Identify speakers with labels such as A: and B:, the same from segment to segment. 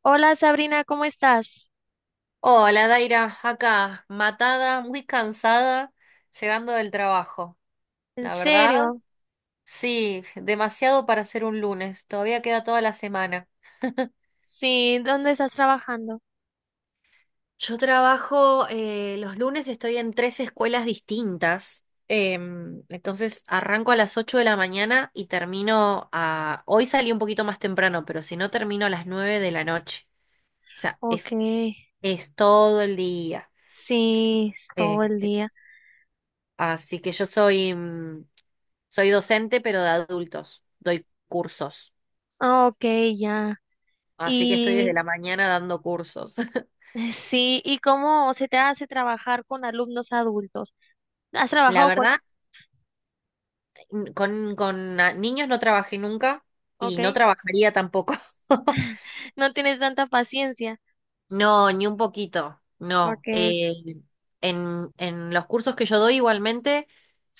A: Hola Sabrina, ¿cómo estás?
B: Hola, Daira, acá, matada, muy cansada, llegando del trabajo.
A: ¿En
B: La verdad,
A: serio?
B: sí, demasiado para ser un lunes, todavía queda toda la semana.
A: Sí, ¿dónde estás trabajando?
B: Yo trabajo, los lunes estoy en tres escuelas distintas, entonces arranco a las 8 de la mañana y termino a. Hoy salí un poquito más temprano, pero si no termino a las 9 de la noche. O sea,
A: Ok,
B: es todo el día.
A: sí, es todo el
B: este.
A: día.
B: Así que yo soy docente, pero de adultos. Doy cursos.
A: Ah, ok, ya.
B: Así que estoy desde
A: Y
B: la mañana dando cursos.
A: sí, ¿y cómo se te hace trabajar con alumnos adultos? ¿Has
B: La
A: trabajado con...
B: verdad, con niños no trabajé nunca y
A: Ok,
B: no trabajaría tampoco.
A: no tienes tanta paciencia.
B: No, ni un poquito. No.
A: Ok,
B: En los cursos que yo doy igualmente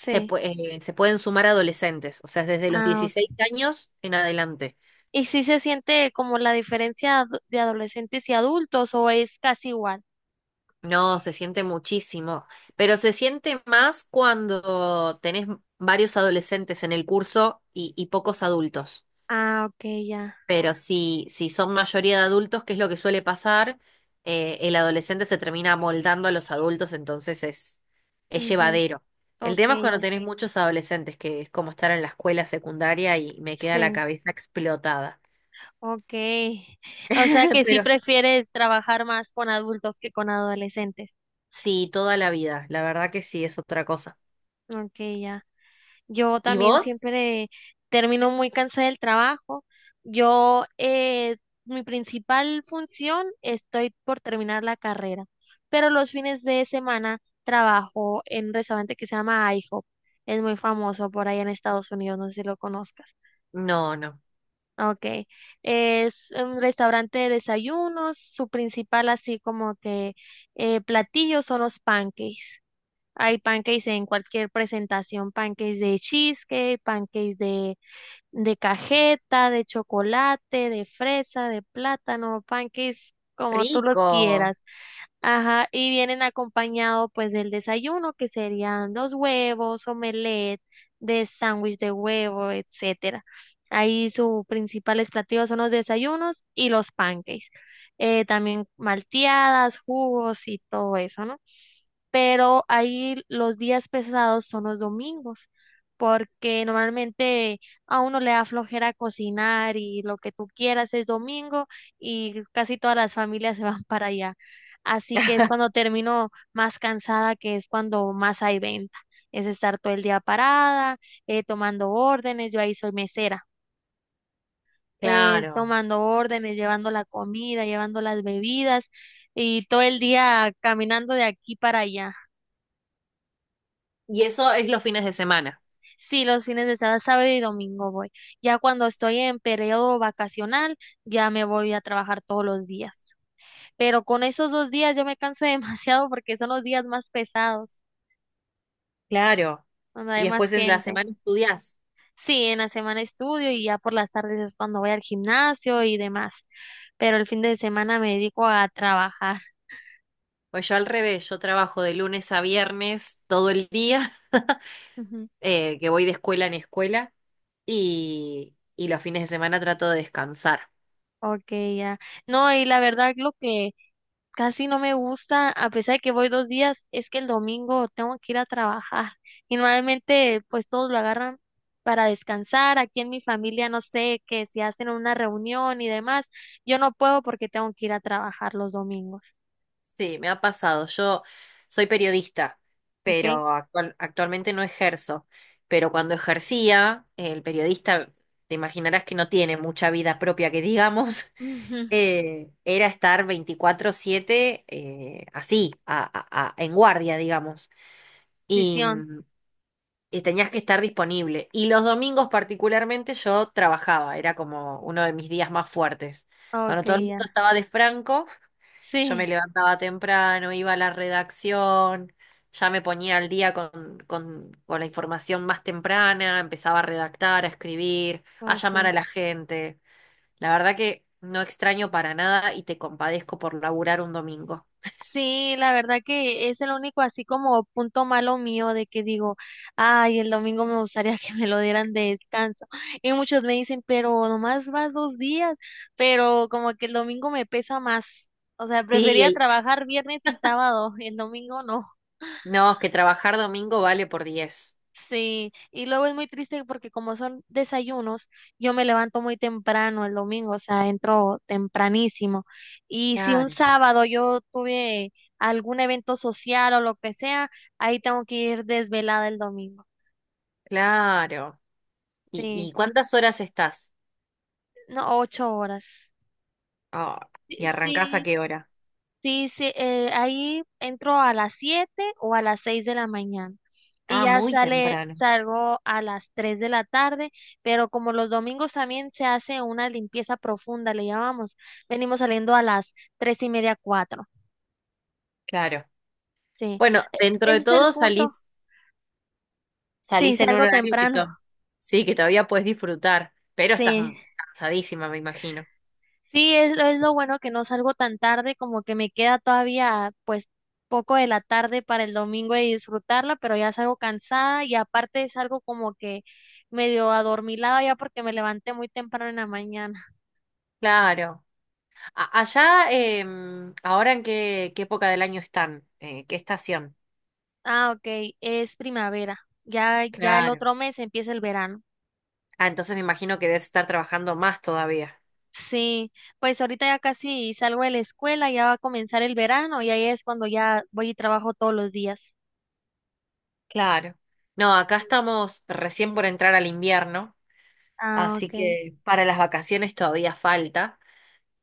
B: se, pue- se pueden sumar adolescentes, o sea, desde los
A: Ah,
B: 16
A: ok.
B: años en adelante.
A: ¿Y si se siente como la diferencia de adolescentes y adultos o es casi igual?
B: No, se siente muchísimo, pero se siente más cuando tenés varios adolescentes en el curso y pocos adultos.
A: Ah, ok, ya.
B: Pero si son mayoría de adultos, que es lo que suele pasar, el adolescente se termina amoldando a los adultos, entonces es
A: Ujú.
B: llevadero. El
A: Ok,
B: tema es cuando
A: ya.
B: tenés muchos adolescentes, que es como estar en la escuela secundaria y me queda la
A: Sí.
B: cabeza explotada.
A: Ok. O sea que sí
B: Pero
A: prefieres trabajar más con adultos que con adolescentes.
B: sí, toda la vida, la verdad que sí, es otra cosa.
A: Ok, ya. Yo
B: ¿Y
A: también
B: vos?
A: siempre termino muy cansada del trabajo. Yo, mi principal función, estoy por terminar la carrera, pero los fines de semana trabajo en un restaurante que se llama IHOP. Es muy famoso por allá en Estados Unidos, no sé si lo conozcas.
B: No, no.
A: Okay, es un restaurante de desayunos, su principal así como que platillo son los pancakes. Hay pancakes en cualquier presentación, pancakes de cheesecake, pancakes de cajeta, de chocolate, de fresa, de plátano, pancakes como tú los
B: Rico,
A: quieras. Ajá, y vienen acompañado pues del desayuno, que serían los huevos, omelette, de sándwich de huevo, etcétera. Ahí sus principales platillos son los desayunos y los pancakes. También malteadas, jugos y todo eso, ¿no? Pero ahí los días pesados son los domingos, porque normalmente a uno le da flojera cocinar y lo que tú quieras es domingo y casi todas las familias se van para allá. Así que es cuando termino más cansada, que es cuando más hay venta. Es estar todo el día parada, tomando órdenes, yo ahí soy mesera,
B: claro.
A: tomando órdenes, llevando la comida, llevando las bebidas y todo el día caminando de aquí para allá.
B: Y eso es los fines de semana,
A: Sí, los fines de semana, sábado y domingo voy. Ya cuando estoy en periodo vacacional, ya me voy a trabajar todos los días. Pero con esos dos días yo me canso demasiado porque son los días más pesados,
B: claro.
A: donde
B: Y
A: hay más
B: después en la
A: gente.
B: semana estudiás.
A: Sí, en la semana estudio y ya por las tardes es cuando voy al gimnasio y demás, pero el fin de semana me dedico a trabajar.
B: Pues yo al revés, yo trabajo de lunes a viernes todo el día,
A: Ujú.
B: que voy de escuela en escuela, y los fines de semana trato de descansar.
A: Ok, ya. No, y la verdad lo que casi no me gusta, a pesar de que voy dos días, es que el domingo tengo que ir a trabajar. Y normalmente pues todos lo agarran para descansar. Aquí en mi familia no sé que si hacen una reunión y demás, yo no puedo porque tengo que ir a trabajar los domingos.
B: Sí, me ha pasado. Yo soy periodista,
A: Ok.
B: pero actualmente no ejerzo. Pero cuando ejercía, el periodista, te imaginarás que no tiene mucha vida propia, que digamos.
A: Ujú.
B: Era estar 24/7 así, en guardia, digamos, y,
A: Decisión.
B: mm, y tenías que estar disponible. Y los domingos particularmente yo trabajaba, era como uno de mis días más fuertes.
A: Ok,
B: Cuando todo el mundo
A: ya.
B: estaba de franco, yo me
A: Sí.
B: levantaba temprano, iba a la redacción, ya me ponía al día con la información más temprana, empezaba a redactar, a escribir, a llamar a
A: Okay.
B: la gente. La verdad que no extraño para nada y te compadezco por laburar un domingo.
A: Sí, la verdad que es el único así como punto malo mío de que digo, ay, el domingo me gustaría que me lo dieran de descanso. Y muchos me dicen, pero nomás vas dos días, pero como que el domingo me pesa más. O sea,
B: Sí,
A: prefería
B: el...
A: trabajar viernes y sábado, el domingo no.
B: No, es que trabajar domingo vale por diez.
A: Sí, y luego es muy triste porque como son desayunos, yo me levanto muy temprano el domingo, o sea, entro tempranísimo. Y si un
B: Claro,
A: sábado yo tuve algún evento social o lo que sea, ahí tengo que ir desvelada el domingo.
B: claro. ¿Y,
A: Sí,
B: y cuántas horas estás?
A: no, 8 horas.
B: Ah, ¿y arrancás a
A: Sí,
B: qué hora?
A: sí, sí, ahí entro a las 7 o a las 6 de la mañana y
B: Ah,
A: ya
B: muy temprano.
A: salgo a las 3 de la tarde, pero como los domingos también se hace una limpieza profunda, le llamamos, venimos saliendo a las 3 y media, 4.
B: Claro.
A: Sí,
B: Bueno, dentro de
A: ese es el
B: todo
A: punto.
B: salís,
A: Sí,
B: salís en un
A: salgo
B: horario
A: temprano.
B: sí, que todavía puedes disfrutar, pero estás
A: Sí.
B: cansadísima, me imagino.
A: Sí, es lo bueno que no salgo tan tarde, como que me queda todavía pues poco de la tarde para el domingo y disfrutarla, pero ya salgo cansada y aparte salgo como que medio adormilada ya porque me levanté muy temprano en la mañana.
B: Claro. Allá, ¿ahora en qué época del año están? ¿Qué estación?
A: Ah, ok, es primavera. Ya, ya el
B: Claro.
A: otro mes empieza el verano.
B: Ah, entonces me imagino que debes estar trabajando más todavía.
A: Sí, pues ahorita ya casi salgo de la escuela, ya va a comenzar el verano y ahí es cuando ya voy y trabajo todos los días.
B: Claro. No, acá
A: Sí.
B: estamos recién por entrar al invierno,
A: Ah,
B: así
A: ok,
B: que para las vacaciones todavía falta.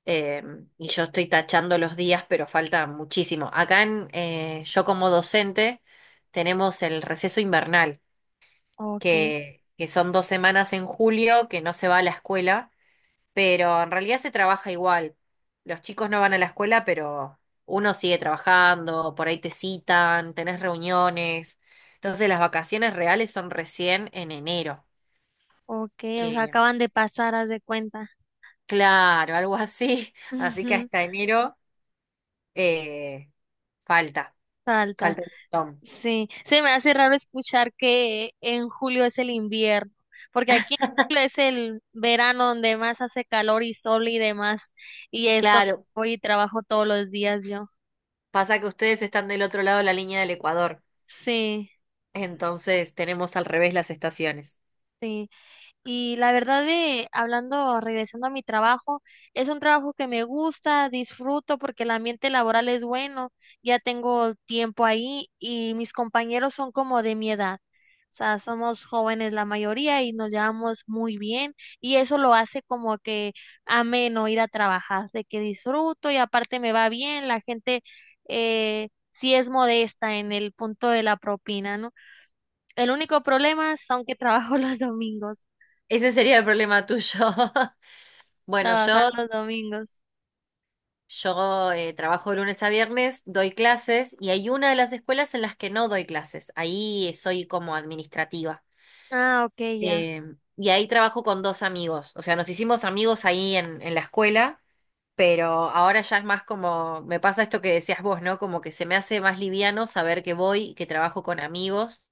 B: eh, y yo estoy tachando los días, pero falta muchísimo. Acá yo como docente tenemos el receso invernal,
A: ok.
B: que son 2 semanas en julio que no se va a la escuela pero en realidad se trabaja igual. Los chicos no van a la escuela, pero uno sigue trabajando, por ahí te citan, tenés reuniones. Entonces las vacaciones reales son recién en enero,
A: Ok, o sea,
B: que
A: acaban de pasar, haz de cuenta.
B: claro, algo así. Así que
A: Ujú.
B: hasta enero eh, falta,
A: Salta.
B: falta un montón.
A: Sí, se me hace raro escuchar que en julio es el invierno, porque aquí en julio es el verano donde más hace calor y sol y demás, y es cuando
B: Claro,
A: voy y trabajo todos los días yo.
B: pasa que ustedes están del otro lado de la línea del Ecuador,
A: Sí,
B: entonces tenemos al revés las estaciones.
A: sí. Y la verdad de, hablando, regresando a mi trabajo, es un trabajo que me gusta, disfruto porque el ambiente laboral es bueno, ya tengo tiempo ahí y mis compañeros son como de mi edad. O sea, somos jóvenes la mayoría y nos llevamos muy bien y eso lo hace como que ameno ir a trabajar, de que disfruto y aparte me va bien, la gente sí es modesta en el punto de la propina, ¿no? El único problema son que trabajo los domingos.
B: Ese sería el problema tuyo. Bueno,
A: Trabajar
B: yo
A: los domingos.
B: Yo eh, trabajo de lunes a viernes, doy clases y hay una de las escuelas en las que no doy clases. Ahí soy como administrativa.
A: Ah, ok, ya.
B: Eh, y ahí trabajo con dos amigos. O sea, nos hicimos amigos ahí en la escuela, pero ahora ya es más como, me pasa esto que decías vos, ¿no? Como que se me hace más liviano saber que voy, y que trabajo con amigos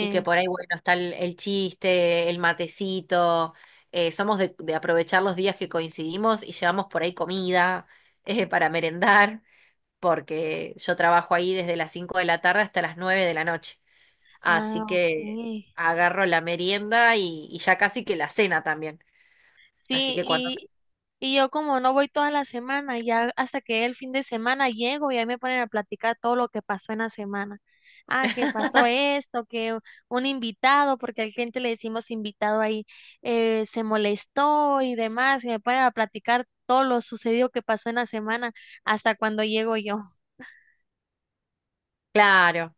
B: y que por ahí, bueno, está el chiste, el matecito. Somos de aprovechar los días que coincidimos y llevamos por ahí comida para merendar porque yo trabajo ahí desde las 5 de la tarde hasta las 9 de la noche. Así
A: Ah, ok.
B: que agarro la merienda y ya casi que la cena también. Así
A: Sí,
B: que cuando...
A: y, y yo como no voy toda la semana, ya hasta que el fin de semana llego y ahí me ponen a platicar todo lo que pasó en la semana. Ah, que pasó esto, que un invitado, porque al cliente le decimos invitado ahí, se molestó y demás, y me ponen a platicar todo lo sucedido que pasó en la semana hasta cuando llego yo.
B: Claro.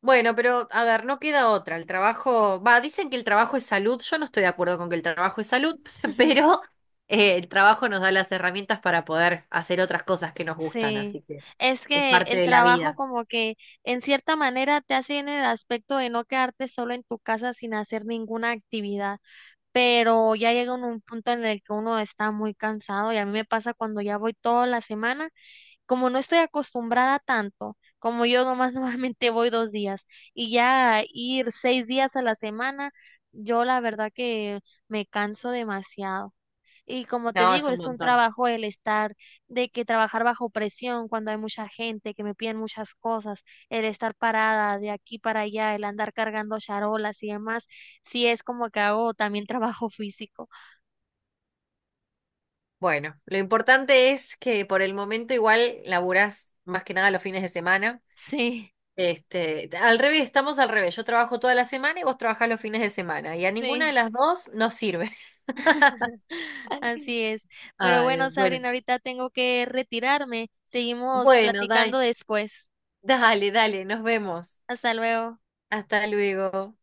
B: Bueno, pero a ver, no queda otra. El trabajo, va, dicen que el trabajo es salud. Yo no estoy de acuerdo con que el trabajo es salud, pero el trabajo nos da las herramientas para poder hacer otras cosas que nos gustan,
A: Sí,
B: así que
A: es
B: es
A: que
B: parte
A: el
B: de la
A: trabajo
B: vida.
A: como que en cierta manera te hace bien en el aspecto de no quedarte solo en tu casa sin hacer ninguna actividad, pero ya llega un punto en el que uno está muy cansado y a mí me pasa cuando ya voy toda la semana, como no estoy acostumbrada tanto, como yo nomás normalmente voy dos días y ya ir 6 días a la semana, yo la verdad que me canso demasiado. Y como te
B: No, es
A: digo,
B: un
A: es un
B: montón.
A: trabajo el estar, de que trabajar bajo presión cuando hay mucha gente, que me piden muchas cosas, el estar parada de aquí para allá, el andar cargando charolas y demás, sí es como que hago también trabajo físico.
B: Bueno, lo importante es que por el momento igual laburás más que nada los fines de semana.
A: Sí,
B: Al revés, estamos al revés. Yo trabajo toda la semana y vos trabajás los fines de semana. Y a ninguna de
A: sí,
B: las dos nos sirve.
A: así es. Pero
B: Ay,
A: bueno,
B: Dios. Bueno.
A: Sabrina, ahorita tengo que retirarme. Seguimos
B: Bueno,
A: platicando después.
B: dale, dale, nos vemos.
A: Hasta luego.
B: Hasta luego.